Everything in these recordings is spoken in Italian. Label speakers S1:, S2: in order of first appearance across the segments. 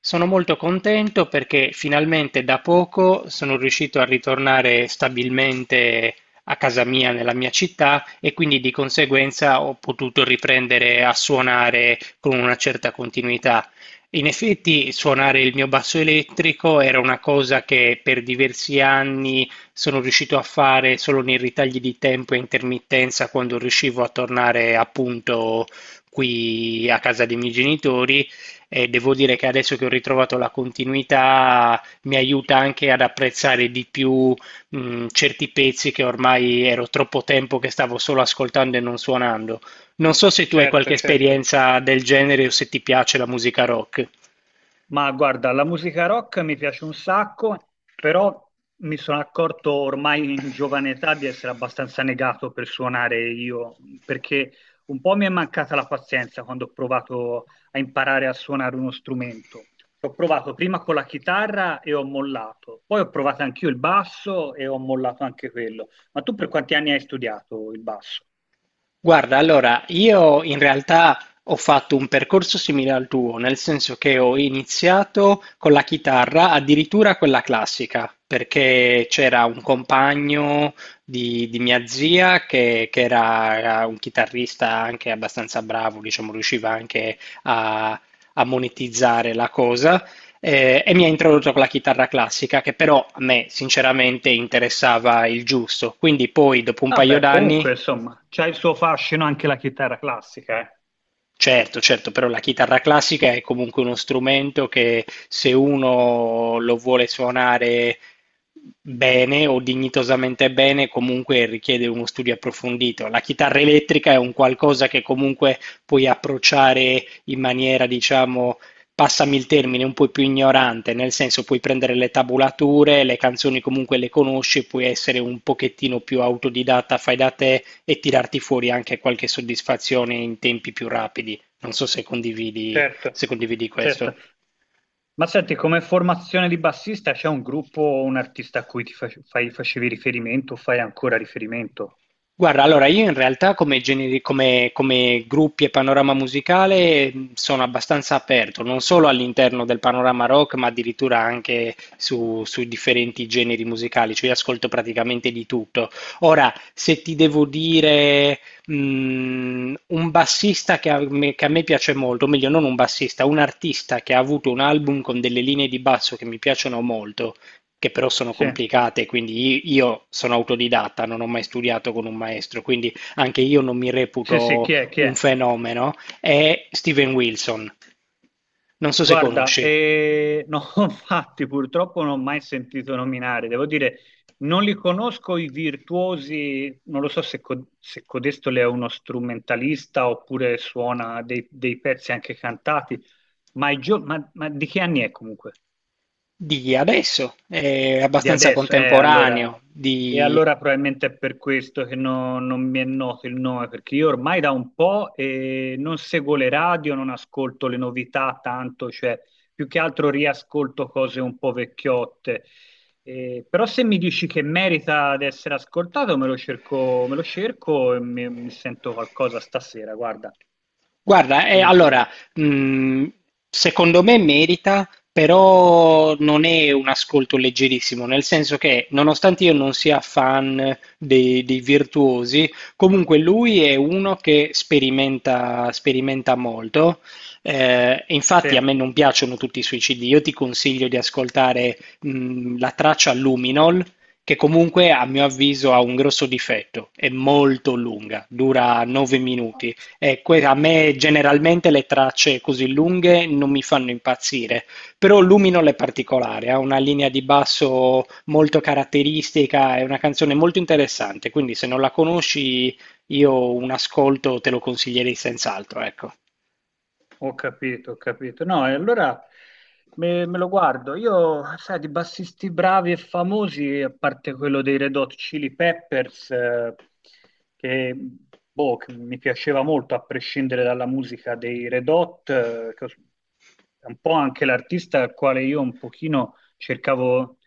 S1: Sono molto contento perché finalmente da poco sono riuscito a ritornare stabilmente a casa mia, nella mia città, e quindi di conseguenza ho potuto riprendere a suonare con una certa continuità. In effetti, suonare il mio basso elettrico era una cosa che per diversi anni sono riuscito a fare solo nei ritagli di tempo e intermittenza quando riuscivo a tornare appunto qui a casa dei miei genitori e devo dire che adesso che ho ritrovato la continuità mi aiuta anche ad apprezzare di più certi pezzi che ormai ero troppo tempo che stavo solo ascoltando e non suonando. Non so se tu hai qualche
S2: Certo, certo.
S1: esperienza del genere o se ti piace la musica rock.
S2: Ma guarda, la musica rock mi piace un sacco, però mi sono accorto ormai in giovane età di essere abbastanza negato per suonare io, perché un po' mi è mancata la pazienza quando ho provato a imparare a suonare uno strumento. Ho provato prima con la chitarra e ho mollato, poi ho provato anch'io il basso e ho mollato anche quello. Ma tu per quanti anni hai studiato il basso?
S1: Guarda, allora, io in realtà ho fatto un percorso simile al tuo, nel senso che ho iniziato con la chitarra, addirittura quella classica, perché c'era un compagno di mia zia che era un chitarrista anche abbastanza bravo, diciamo, riusciva anche a, a monetizzare la cosa. E mi ha introdotto con la chitarra classica, che però a me sinceramente interessava il giusto. Quindi poi, dopo un paio
S2: Vabbè,
S1: d'anni,
S2: comunque, insomma, c'ha il suo fascino anche la chitarra classica, eh.
S1: certo, certo, però la chitarra classica è comunque uno strumento che se uno lo vuole suonare bene o dignitosamente bene, comunque richiede uno studio approfondito. La chitarra elettrica è un qualcosa che comunque puoi approcciare in maniera, diciamo, passami il termine, un po' più ignorante, nel senso puoi prendere le tabulature, le canzoni comunque le conosci, puoi essere un pochettino più autodidatta, fai da te e tirarti fuori anche qualche soddisfazione in tempi più rapidi. Non so se condividi,
S2: Certo,
S1: se condividi
S2: certo.
S1: questo.
S2: Ma senti, come formazione di bassista c'è un gruppo o un artista a cui facevi riferimento o fai ancora riferimento?
S1: Guarda, allora io in realtà come, come come gruppi e panorama musicale, sono abbastanza aperto, non solo all'interno del panorama rock, ma addirittura anche su, su differenti generi musicali, cioè io ascolto praticamente di tutto. Ora, se ti devo dire, un bassista che a me piace molto, o meglio non un bassista, un artista che ha avuto un album con delle linee di basso che mi piacciono molto, che però sono
S2: Sì,
S1: complicate, quindi io sono autodidatta, non ho mai studiato con un maestro, quindi anche io non mi
S2: sì, sì,
S1: reputo
S2: chi è? Chi
S1: un
S2: è?
S1: fenomeno, è Steven Wilson. Non so se
S2: Guarda,
S1: conosci,
S2: no, infatti purtroppo non ho mai sentito nominare, devo dire, non li conosco i virtuosi, non lo so se Codesto le è uno strumentalista oppure suona dei pezzi anche cantati, ma, di che anni è comunque?
S1: di adesso, è
S2: Di
S1: abbastanza
S2: adesso, allora,
S1: contemporaneo,
S2: e
S1: di
S2: allora probabilmente è per questo che non mi è noto il nome, perché io ormai da un po' non seguo le radio, non ascolto le novità tanto, cioè più che altro riascolto cose un po' vecchiotte. Però se mi dici che merita di essere ascoltato, me lo cerco e mi sento qualcosa stasera, guarda,
S1: guarda,
S2: volentieri.
S1: allora, mh, secondo me merita, però non è un ascolto leggerissimo, nel senso che nonostante io non sia fan dei virtuosi, comunque lui è uno che sperimenta, sperimenta molto. E
S2: Sì.
S1: infatti a me non piacciono tutti i suoi CD, io ti consiglio di ascoltare, la traccia Luminol, che comunque a mio avviso ha un grosso difetto, è molto lunga, dura 9 minuti. A me generalmente le tracce così lunghe non mi fanno impazzire, però Luminol è particolare, ha una linea di basso molto caratteristica, è una canzone molto interessante, quindi se non la conosci io un ascolto te lo consiglierei senz'altro, ecco.
S2: Ho capito, ho capito. No, e allora me lo guardo. Io, sai, di bassisti bravi e famosi, a parte quello dei Red Hot Chili Peppers, che, boh, che mi piaceva molto, a prescindere dalla musica dei Red Hot, è un po' anche l'artista al quale io un pochino cercavo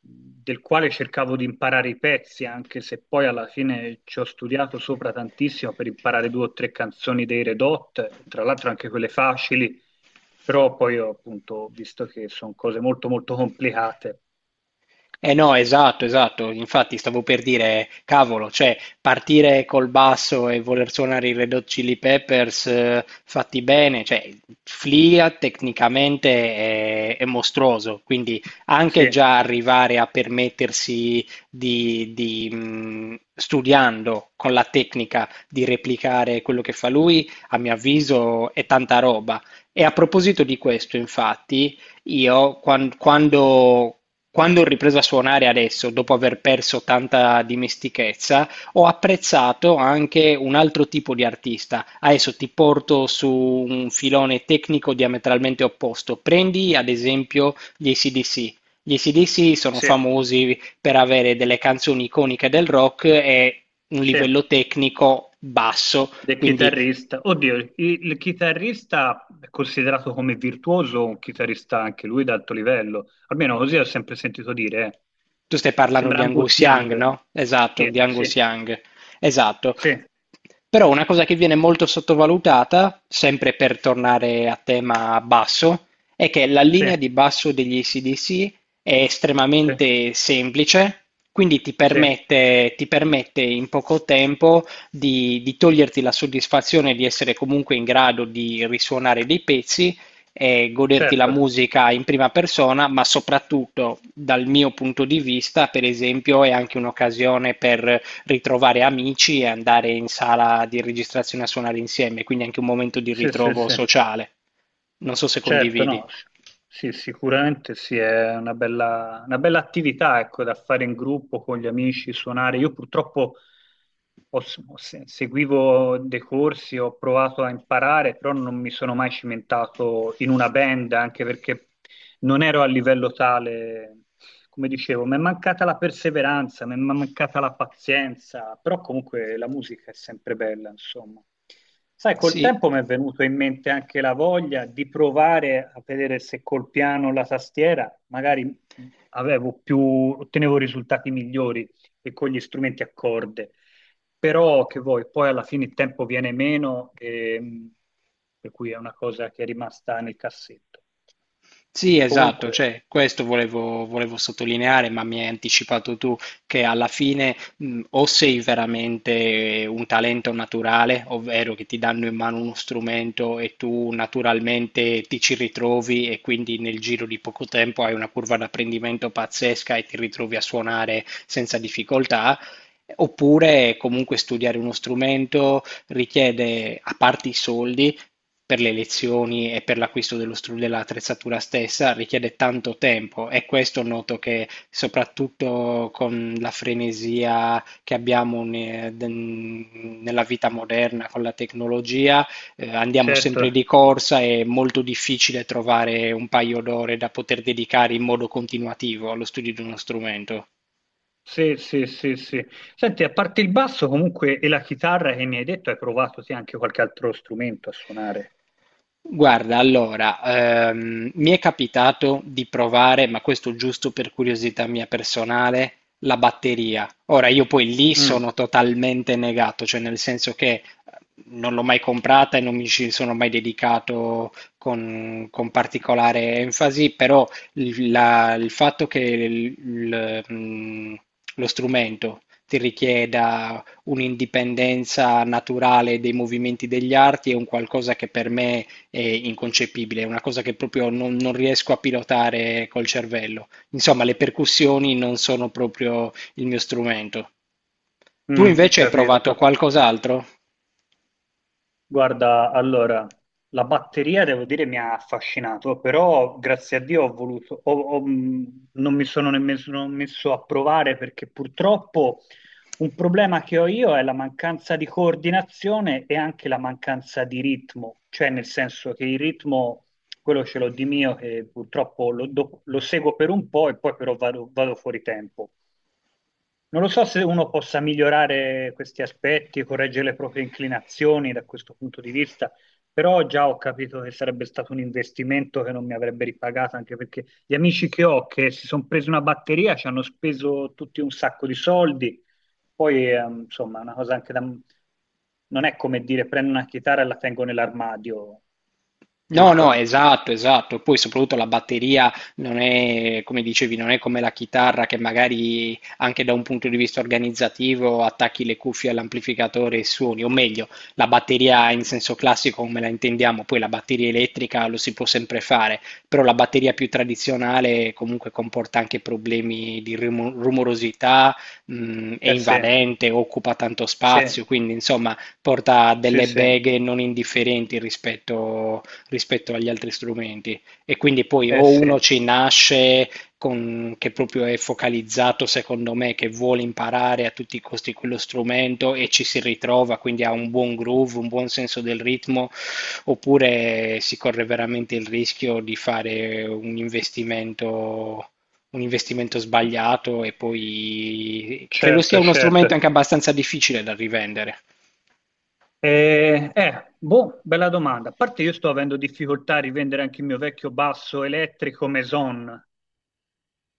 S2: del quale cercavo di imparare i pezzi, anche se poi alla fine ci ho studiato sopra tantissimo per imparare due o tre canzoni dei Red Hot, e tra l'altro anche quelle facili, però poi ho appunto visto che sono cose molto molto complicate.
S1: Eh no, esatto, esatto. Infatti stavo per dire, cavolo, cioè partire col basso e voler suonare i Red Hot Chili Peppers fatti bene, cioè Flea tecnicamente è mostruoso, quindi
S2: Sì,
S1: anche già arrivare a permettersi di studiando con la tecnica di replicare quello che fa lui, a mio avviso è tanta roba. E a proposito di questo, infatti... Io quando, quando ho ripreso a suonare adesso, dopo aver perso tanta dimestichezza, ho apprezzato anche un altro tipo di artista. Adesso ti porto su un filone tecnico diametralmente opposto. Prendi ad esempio gli AC/DC. Gli AC/DC sono
S2: sì,
S1: famosi per avere delle canzoni iconiche del rock e un
S2: sì,
S1: livello tecnico basso,
S2: del
S1: quindi
S2: chitarrista. Oddio, il chitarrista è considerato come virtuoso, un chitarrista anche lui d'alto livello, almeno così ho sempre sentito dire, eh.
S1: tu stai parlando
S2: Sembra
S1: di
S2: Angus
S1: Angus Young,
S2: Young.
S1: no? Esatto, di
S2: Sì,
S1: Angus
S2: sì,
S1: Young. Esatto.
S2: sì,
S1: Però una cosa che viene molto sottovalutata, sempre per tornare a tema basso, è che la
S2: sì,
S1: linea di basso degli ac è
S2: sì,
S1: estremamente semplice, quindi
S2: sì,
S1: ti permette in poco tempo di toglierti la soddisfazione di essere comunque in grado di risuonare dei pezzi e goderti la
S2: certo,
S1: musica in prima persona, ma soprattutto dal mio punto di vista, per esempio, è anche un'occasione per ritrovare amici e andare in sala di registrazione a suonare insieme, quindi anche un momento di
S2: sì, sì,
S1: ritrovo
S2: sì,
S1: sociale. Non so se
S2: certo,
S1: condividi.
S2: no, sì, sicuramente sì, è una bella attività, ecco, da fare in gruppo con gli amici, suonare. Io purtroppo ho- ho se- seguivo dei corsi, ho provato a imparare, però non mi sono mai cimentato in una band, anche perché non ero a livello tale. Come dicevo, mi è mancata la perseveranza, mi è mancata la pazienza, però comunque la musica è sempre bella, insomma. Sai, col
S1: Sì.
S2: tempo mi è venuto in mente anche la voglia di provare a vedere se col piano o la tastiera magari avevo più, ottenevo risultati migliori che con gli strumenti a corde. Però che vuoi, poi alla fine il tempo viene meno, e, per cui è una cosa che è rimasta nel cassetto.
S1: Sì, esatto,
S2: Comunque,
S1: cioè, questo volevo, volevo sottolineare, ma mi hai anticipato tu che alla fine, o sei veramente un talento naturale, ovvero che ti danno in mano uno strumento e tu naturalmente ti ci ritrovi e quindi nel giro di poco tempo hai una curva d'apprendimento pazzesca e ti ritrovi a suonare senza difficoltà. Oppure comunque studiare uno strumento richiede, a parte i soldi, per le lezioni e per l'acquisto dello dell'attrezzatura stessa richiede tanto tempo e questo noto che soprattutto con la frenesia che abbiamo nella vita moderna, con la tecnologia, andiamo
S2: certo,
S1: sempre di corsa, è molto difficile trovare un paio d'ore da poter dedicare in modo continuativo allo studio di uno strumento.
S2: sì, sì, sì, sì. Senti, a parte il basso comunque e la chitarra che mi hai detto, hai provato sì, anche qualche altro strumento a suonare.
S1: Guarda, allora, mi è capitato di provare, ma questo giusto per curiosità mia personale, la batteria. Ora, io poi lì
S2: Mm,
S1: sono totalmente negato, cioè nel senso che non l'ho mai comprata e non mi ci sono mai dedicato con particolare enfasi, però il fatto che lo strumento ti richieda un'indipendenza naturale dei movimenti degli arti è un qualcosa che per me è inconcepibile, è una cosa che proprio non, non riesco a pilotare col cervello. Insomma, le percussioni non sono proprio il mio strumento. Tu invece hai provato
S2: capisco.
S1: qualcos'altro?
S2: Guarda, allora, la batteria devo dire mi ha affascinato, però grazie a Dio ho voluto, ho- ho- non mi sono nemmeno messo a provare perché purtroppo un problema che ho io è la mancanza di coordinazione e anche la mancanza di ritmo, cioè nel senso che il ritmo, quello ce l'ho di mio, che purtroppo lo seguo per un po' e poi però vado, vado fuori tempo. Non lo so se uno possa migliorare questi aspetti, correggere le proprie inclinazioni da questo punto di vista, però già ho capito che sarebbe stato un investimento che non mi avrebbe ripagato, anche perché gli amici che ho che si sono presi una batteria ci hanno speso tutti un sacco di soldi, poi insomma è una cosa anche da... non è come dire prendo una chitarra e la tengo nell'armadio,
S1: No, no,
S2: giusto?
S1: esatto, esatto. Poi soprattutto la batteria non è, come dicevi, non è come la chitarra che magari anche da un punto di vista organizzativo attacchi le cuffie all'amplificatore e suoni, o meglio, la batteria in senso classico come la intendiamo, poi la batteria elettrica lo si può sempre fare, però la batteria più tradizionale comunque comporta anche problemi di rumorosità, è
S2: Eh sì,
S1: invadente, occupa tanto
S2: sì,
S1: spazio, quindi insomma porta
S2: sì,
S1: delle
S2: sì,
S1: beghe non indifferenti rispetto rispetto agli altri strumenti. E quindi poi
S2: eh
S1: o
S2: sì,
S1: uno ci nasce con, che proprio è focalizzato, secondo me, che vuole imparare a tutti i costi quello strumento e ci si ritrova, quindi ha un buon groove, un buon senso del ritmo, oppure si corre veramente il rischio di fare un investimento sbagliato e poi credo sia
S2: certo,
S1: uno strumento
S2: certo.
S1: anche abbastanza difficile da rivendere.
S2: Boh, bella domanda. A parte io sto avendo difficoltà a rivendere anche il mio vecchio basso elettrico Maison,